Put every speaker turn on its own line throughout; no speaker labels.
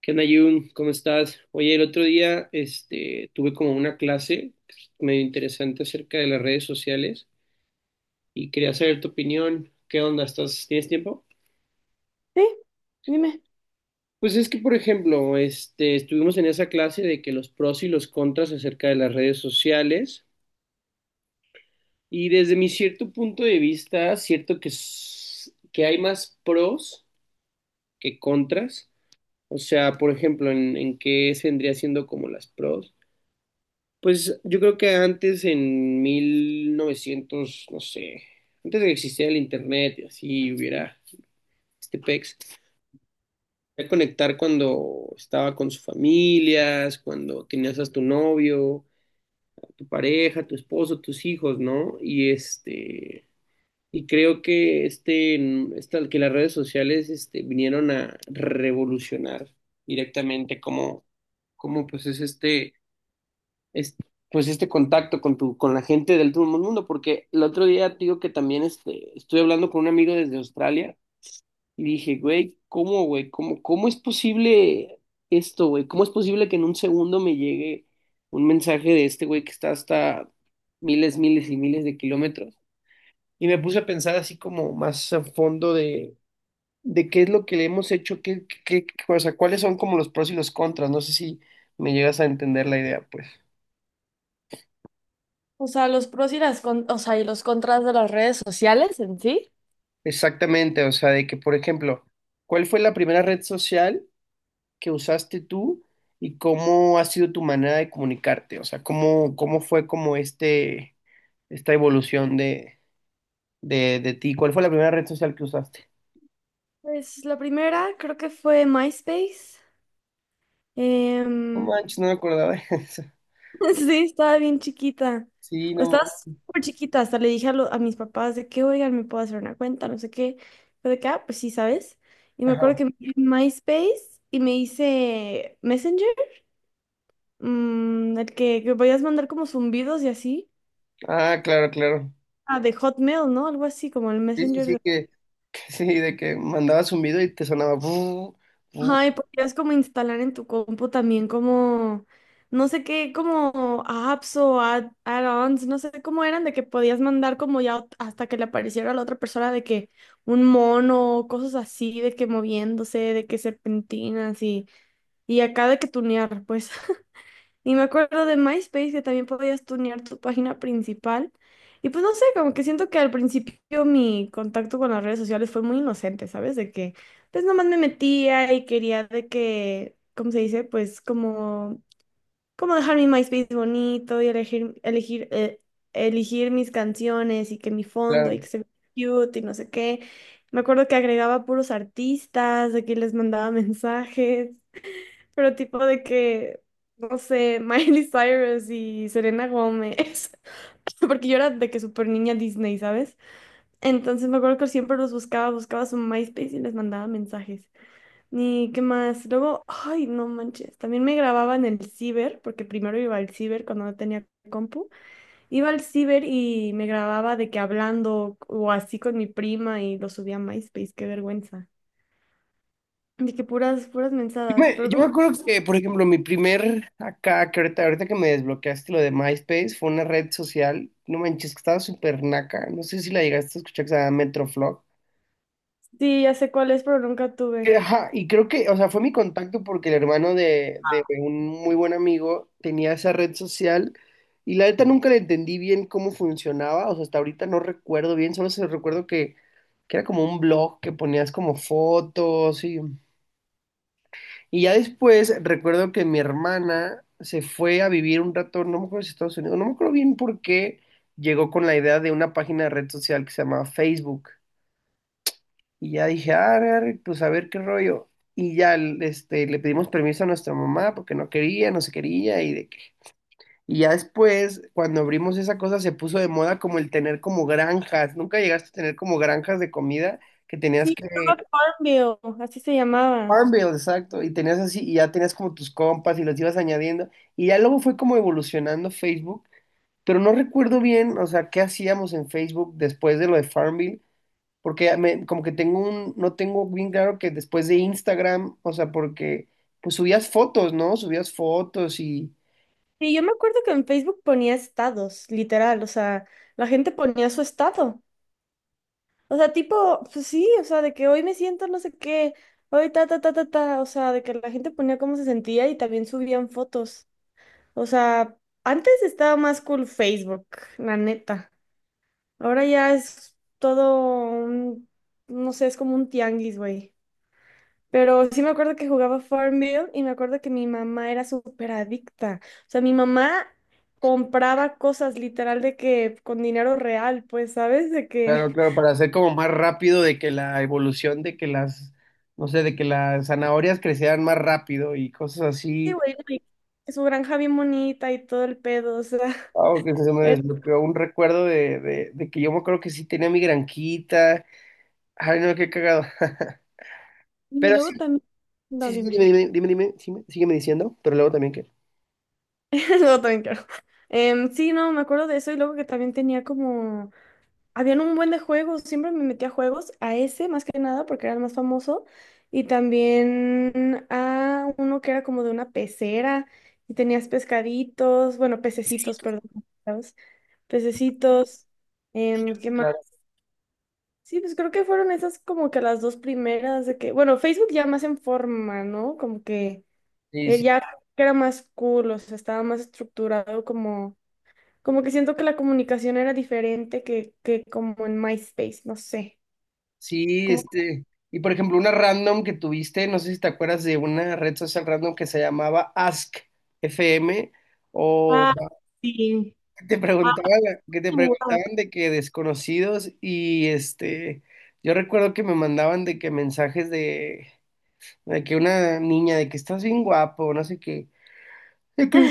¿Qué onda, Jun? ¿Cómo estás? Oye, el otro día tuve como una clase pues, medio interesante acerca de las redes sociales y quería saber tu opinión. ¿Qué onda? ¿Estás, tienes tiempo?
Sí, dime.
Pues es que, por ejemplo, estuvimos en esa clase de que los pros y los contras acerca de las redes sociales y desde mi cierto punto de vista, cierto que, que hay más pros que contras. O sea, por ejemplo, en qué vendría siendo como las pros. Pues yo creo que antes en 1900 no sé, antes de que existiera el internet y así hubiera este pex, podía conectar cuando estaba con sus familias, cuando tenías a tu novio, a tu pareja, a tu esposo, tus hijos, ¿no? Y creo que que las redes sociales vinieron a revolucionar directamente cómo pues es, pues este contacto con la gente del todo el mundo, porque el otro día te digo que también estuve hablando con un amigo desde Australia y dije, güey, ¿Cómo, cómo es posible esto, güey? ¿Cómo es posible que en un segundo me llegue un mensaje de este güey que está hasta miles, miles y miles de kilómetros? Y me puse a pensar así como más a fondo de qué es lo que le hemos hecho, o sea, cuáles son como los pros y los contras. No sé si me llegas a entender la idea, pues.
O sea, los pros y o sea, y los contras de las redes sociales en sí.
Exactamente, o sea, de que, por ejemplo, ¿cuál fue la primera red social que usaste tú y cómo ha sido tu manera de comunicarte? O sea, ¿cómo fue como esta evolución de ti? ¿Cuál fue la primera red social que usaste?
Pues la primera creo que fue MySpace. Em,
No manches, no me acordaba de eso.
sí, estaba bien chiquita.
Sí,
O
no
estaba
manches.
súper chiquita. Hasta le dije a, a mis papás de que, oigan, me puedo hacer una cuenta, no sé qué. Fue de que, "Ah, pues sí, ¿sabes? Y me acuerdo
Ajá.
que me hice MySpace y me hice Messenger, el que podías mandar como zumbidos y así.
Ah, claro, claro.
Ah, de Hotmail, ¿no? Algo así, como el
Sí, sí,
Messenger
sí,
de…
que, que sí, de que mandabas un video y te sonaba. "Bu, bu",
Ay, podrías como instalar en tu compu también como, no sé qué, como apps o add-ons, no sé cómo eran, de que podías mandar como ya hasta que le apareciera a la otra persona de que un mono, o cosas así, de que moviéndose, de que serpentinas y acá de que tunear, pues. Y me acuerdo de MySpace que también podías tunear tu página principal. Y pues no sé, como que siento que al principio mi contacto con las redes sociales fue muy inocente, ¿sabes? De que pues nomás me metía y quería de que, ¿cómo se dice? Pues como, como dejar mi MySpace bonito y elegir, elegir mis canciones y que mi fondo y
claro.
que se vea cute y no sé qué. Me acuerdo que agregaba puros artistas, de que les mandaba mensajes. Pero tipo de que, no sé, Miley Cyrus y Selena Gómez. Porque yo era de que súper niña Disney, ¿sabes? Entonces me acuerdo que siempre los buscaba su MySpace y les mandaba mensajes. Ni qué más. Luego, ay, no manches. También me grababa en el ciber, porque primero iba al ciber cuando no tenía compu. Iba al ciber y me grababa de que hablando o así con mi prima y lo subía a MySpace. Qué vergüenza. De que puras mensadas. Pero
Yo me acuerdo que, por ejemplo, mi primer acá, que ahorita que me desbloqueaste lo de MySpace, fue una red social, no manches, que estaba súper naca, no sé si la llegaste a escuchar, que se llama Metroflog.
sí, ya sé cuál es, pero nunca
Que,
tuve.
ajá, y creo que, o sea, fue mi contacto porque el hermano de un muy buen amigo tenía esa red social y la neta nunca le entendí bien cómo funcionaba, o sea, hasta ahorita no recuerdo bien, solo se recuerdo que era como un blog que ponías como fotos y... Y ya después recuerdo que mi hermana se fue a vivir un rato, no me acuerdo si Estados Unidos, no me acuerdo bien por qué llegó con la idea de una página de red social que se llamaba Facebook. Y ya dije, ah, pues a ver qué rollo. Y ya le pedimos permiso a nuestra mamá porque no quería, no se quería. Y, y ya después, cuando abrimos esa cosa, se puso de moda como el tener como granjas. Nunca llegaste a tener como granjas de comida que tenías
Sí, Cloud
que
Farmville, así se llamaba.
Farmville, exacto, y tenías así, y ya tenías como tus compas y los ibas añadiendo, y ya luego fue como evolucionando Facebook, pero no recuerdo bien, o sea, qué hacíamos en Facebook después de lo de Farmville, porque como que tengo un, no tengo bien claro que después de Instagram, o sea, porque pues subías fotos, ¿no?
Sí, yo me acuerdo que en Facebook ponía estados, literal, o sea, la gente ponía su estado. O sea, tipo, pues sí, o sea, de que hoy me siento no sé qué, hoy ta, ta, ta, ta, ta, o sea, de que la gente ponía cómo se sentía y también subían fotos. O sea, antes estaba más cool Facebook, la neta. Ahora ya es todo un, no sé, es como un tianguis, güey. Pero sí me acuerdo que jugaba Farmville y me acuerdo que mi mamá era súper adicta. O sea, mi mamá compraba cosas literal de que con dinero real, pues, ¿sabes? De
Claro,
que,
claro, para hacer como más rápido de que la evolución de que las, no sé, de que las zanahorias crecieran más rápido y cosas
sí,
así.
güey, güey, su granja bien bonita y todo el pedo, o sea.
Wow, que se me
era-
desbloqueó un recuerdo de que yo me acuerdo que sí tenía mi granquita. Ay, no, qué cagado.
Y
Pero
luego
sí,
también, no,
sí, sí, dime,
dime.
dime, dime, dime, sí, sígueme diciendo, pero luego también que.
Luego también quiero. Sí, no, me acuerdo de eso y luego que también tenía como… Habían un buen de juegos, siempre me metía a juegos, a ese más que nada porque era el más famoso, y también a uno que era como de una pecera y tenías pescaditos, bueno, pececitos, perdón, ¿sabes? Pececitos, ¿qué más?
Claro.
Sí, pues creo que fueron esas como que las dos primeras de que, bueno, Facebook ya más en forma, ¿no? Como que
Sí, sí,
ya era más cool, o sea, estaba más estructurado como, como que siento que la comunicación era diferente que como en MySpace, no sé.
sí,
Como…
este. Y por ejemplo, una random que tuviste, no sé si te acuerdas de una red social random que se llamaba Ask FM, o
Ah, sí.
que te preguntaban, que te preguntaban de que desconocidos y este. Yo recuerdo que me mandaban de que mensajes de que una niña, de que estás bien guapo, no sé qué. De que,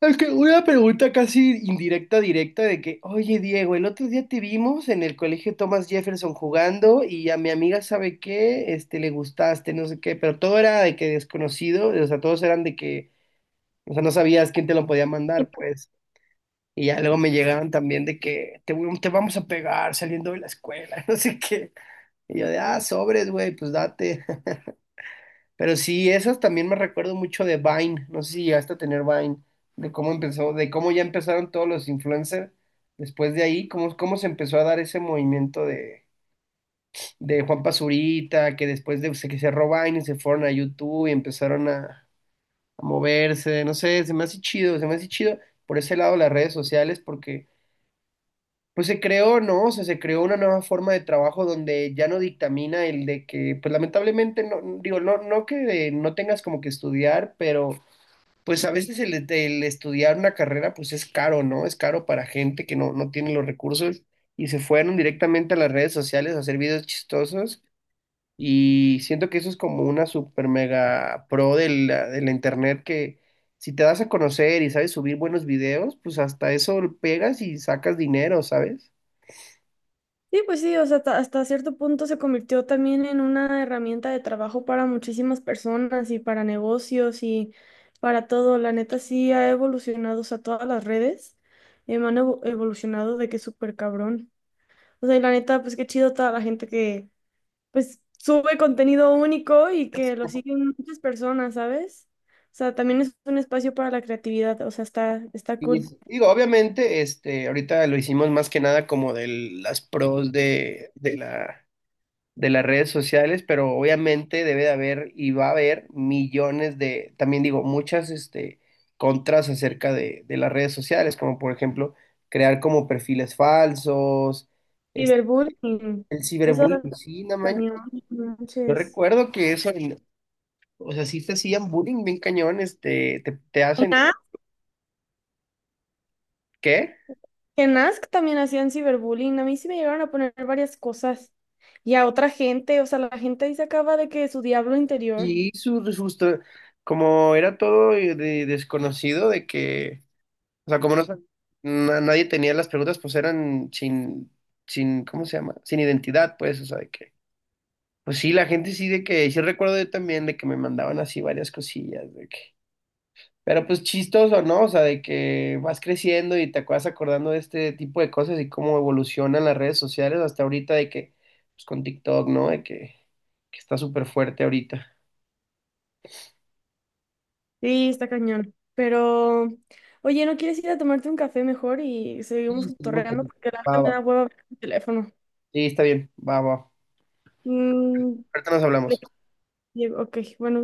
es que una pregunta casi indirecta, directa, de que, oye, Diego, el otro día te vimos en el colegio Thomas Jefferson jugando y a mi amiga, ¿sabe qué? Este, le gustaste, no sé qué, pero todo era de que desconocido, o sea, todos eran de que, o sea, no sabías quién te lo podía mandar, pues. Y ya luego me llegaban también te vamos a pegar saliendo de la escuela, no sé qué. Y yo de, ah, sobres, güey, pues date. Pero sí, esas también me recuerdo mucho de Vine, no sé si llegaste a tener Vine, de cómo empezó, de cómo ya empezaron todos los influencers después de ahí, cómo se empezó a dar ese movimiento de Juan Pazurita, que que cerró Vine y se fueron a YouTube y empezaron a moverse, no sé, se me hace chido por ese lado las redes sociales, porque pues se creó, ¿no? O sea, se creó una nueva forma de trabajo donde ya no dictamina el de que, pues lamentablemente, no, digo, no que no tengas como que estudiar, pero pues a veces el estudiar una carrera pues es caro, ¿no? Es caro para gente que no tiene los recursos y se fueron directamente a las redes sociales a hacer videos chistosos y siento que eso es como una super mega pro de la internet que si te das a conocer y sabes subir buenos videos, pues hasta eso pegas y sacas dinero, ¿sabes?
Sí, pues sí, o sea, hasta, hasta cierto punto se convirtió también en una herramienta de trabajo para muchísimas personas y para negocios y para todo. La neta sí ha evolucionado, o sea, todas las redes han evolucionado de que súper cabrón. O sea, y la neta, pues qué chido toda la gente que, pues, sube contenido único y que lo siguen muchas personas, ¿sabes? O sea, también es un espacio para la creatividad, o sea, está, está
Y
cool.
digo, obviamente, ahorita lo hicimos más que nada como de las pros de las redes sociales, pero obviamente debe de haber y va a haber millones de, también digo, muchas este, contras acerca de las redes sociales, como por ejemplo crear como perfiles falsos, este,
Ciberbullying.
el
Eso da
ciberbullying, sí, no manches.
cañón. No
Yo
manches.
recuerdo que eso, en- o sea, sí te hacían bullying bien cañón, este, te
En
hacen,
Ask,
¿qué?
en Ask también hacían ciberbullying. A mí sí me llegaron a poner varias cosas. Y a otra gente, o sea, la gente ahí se acaba de que su diablo interior.
Sí, su, justo, como era todo desconocido de que o sea, como no, nadie tenía las preguntas, pues eran sin, sin, ¿cómo se llama? Sin identidad, pues, o sea, de que, pues sí, la gente sí de que, sí recuerdo yo también de que me mandaban así varias cosillas, de que, pero pues chistoso, ¿no? O sea, de que vas creciendo y te acuerdas acordando de este tipo de cosas y cómo evolucionan las redes sociales hasta ahorita de que, pues con TikTok, ¿no? De que está súper fuerte ahorita.
Sí, está cañón. Pero, oye, ¿no quieres ir a tomarte un café mejor y seguimos
Y seguimos con...
torreando? Porque la verdad
Va,
me da
va.
hueva ver el teléfono.
Sí, está bien, va, va.
Mm,
Ahorita nos hablamos.
ok, bueno.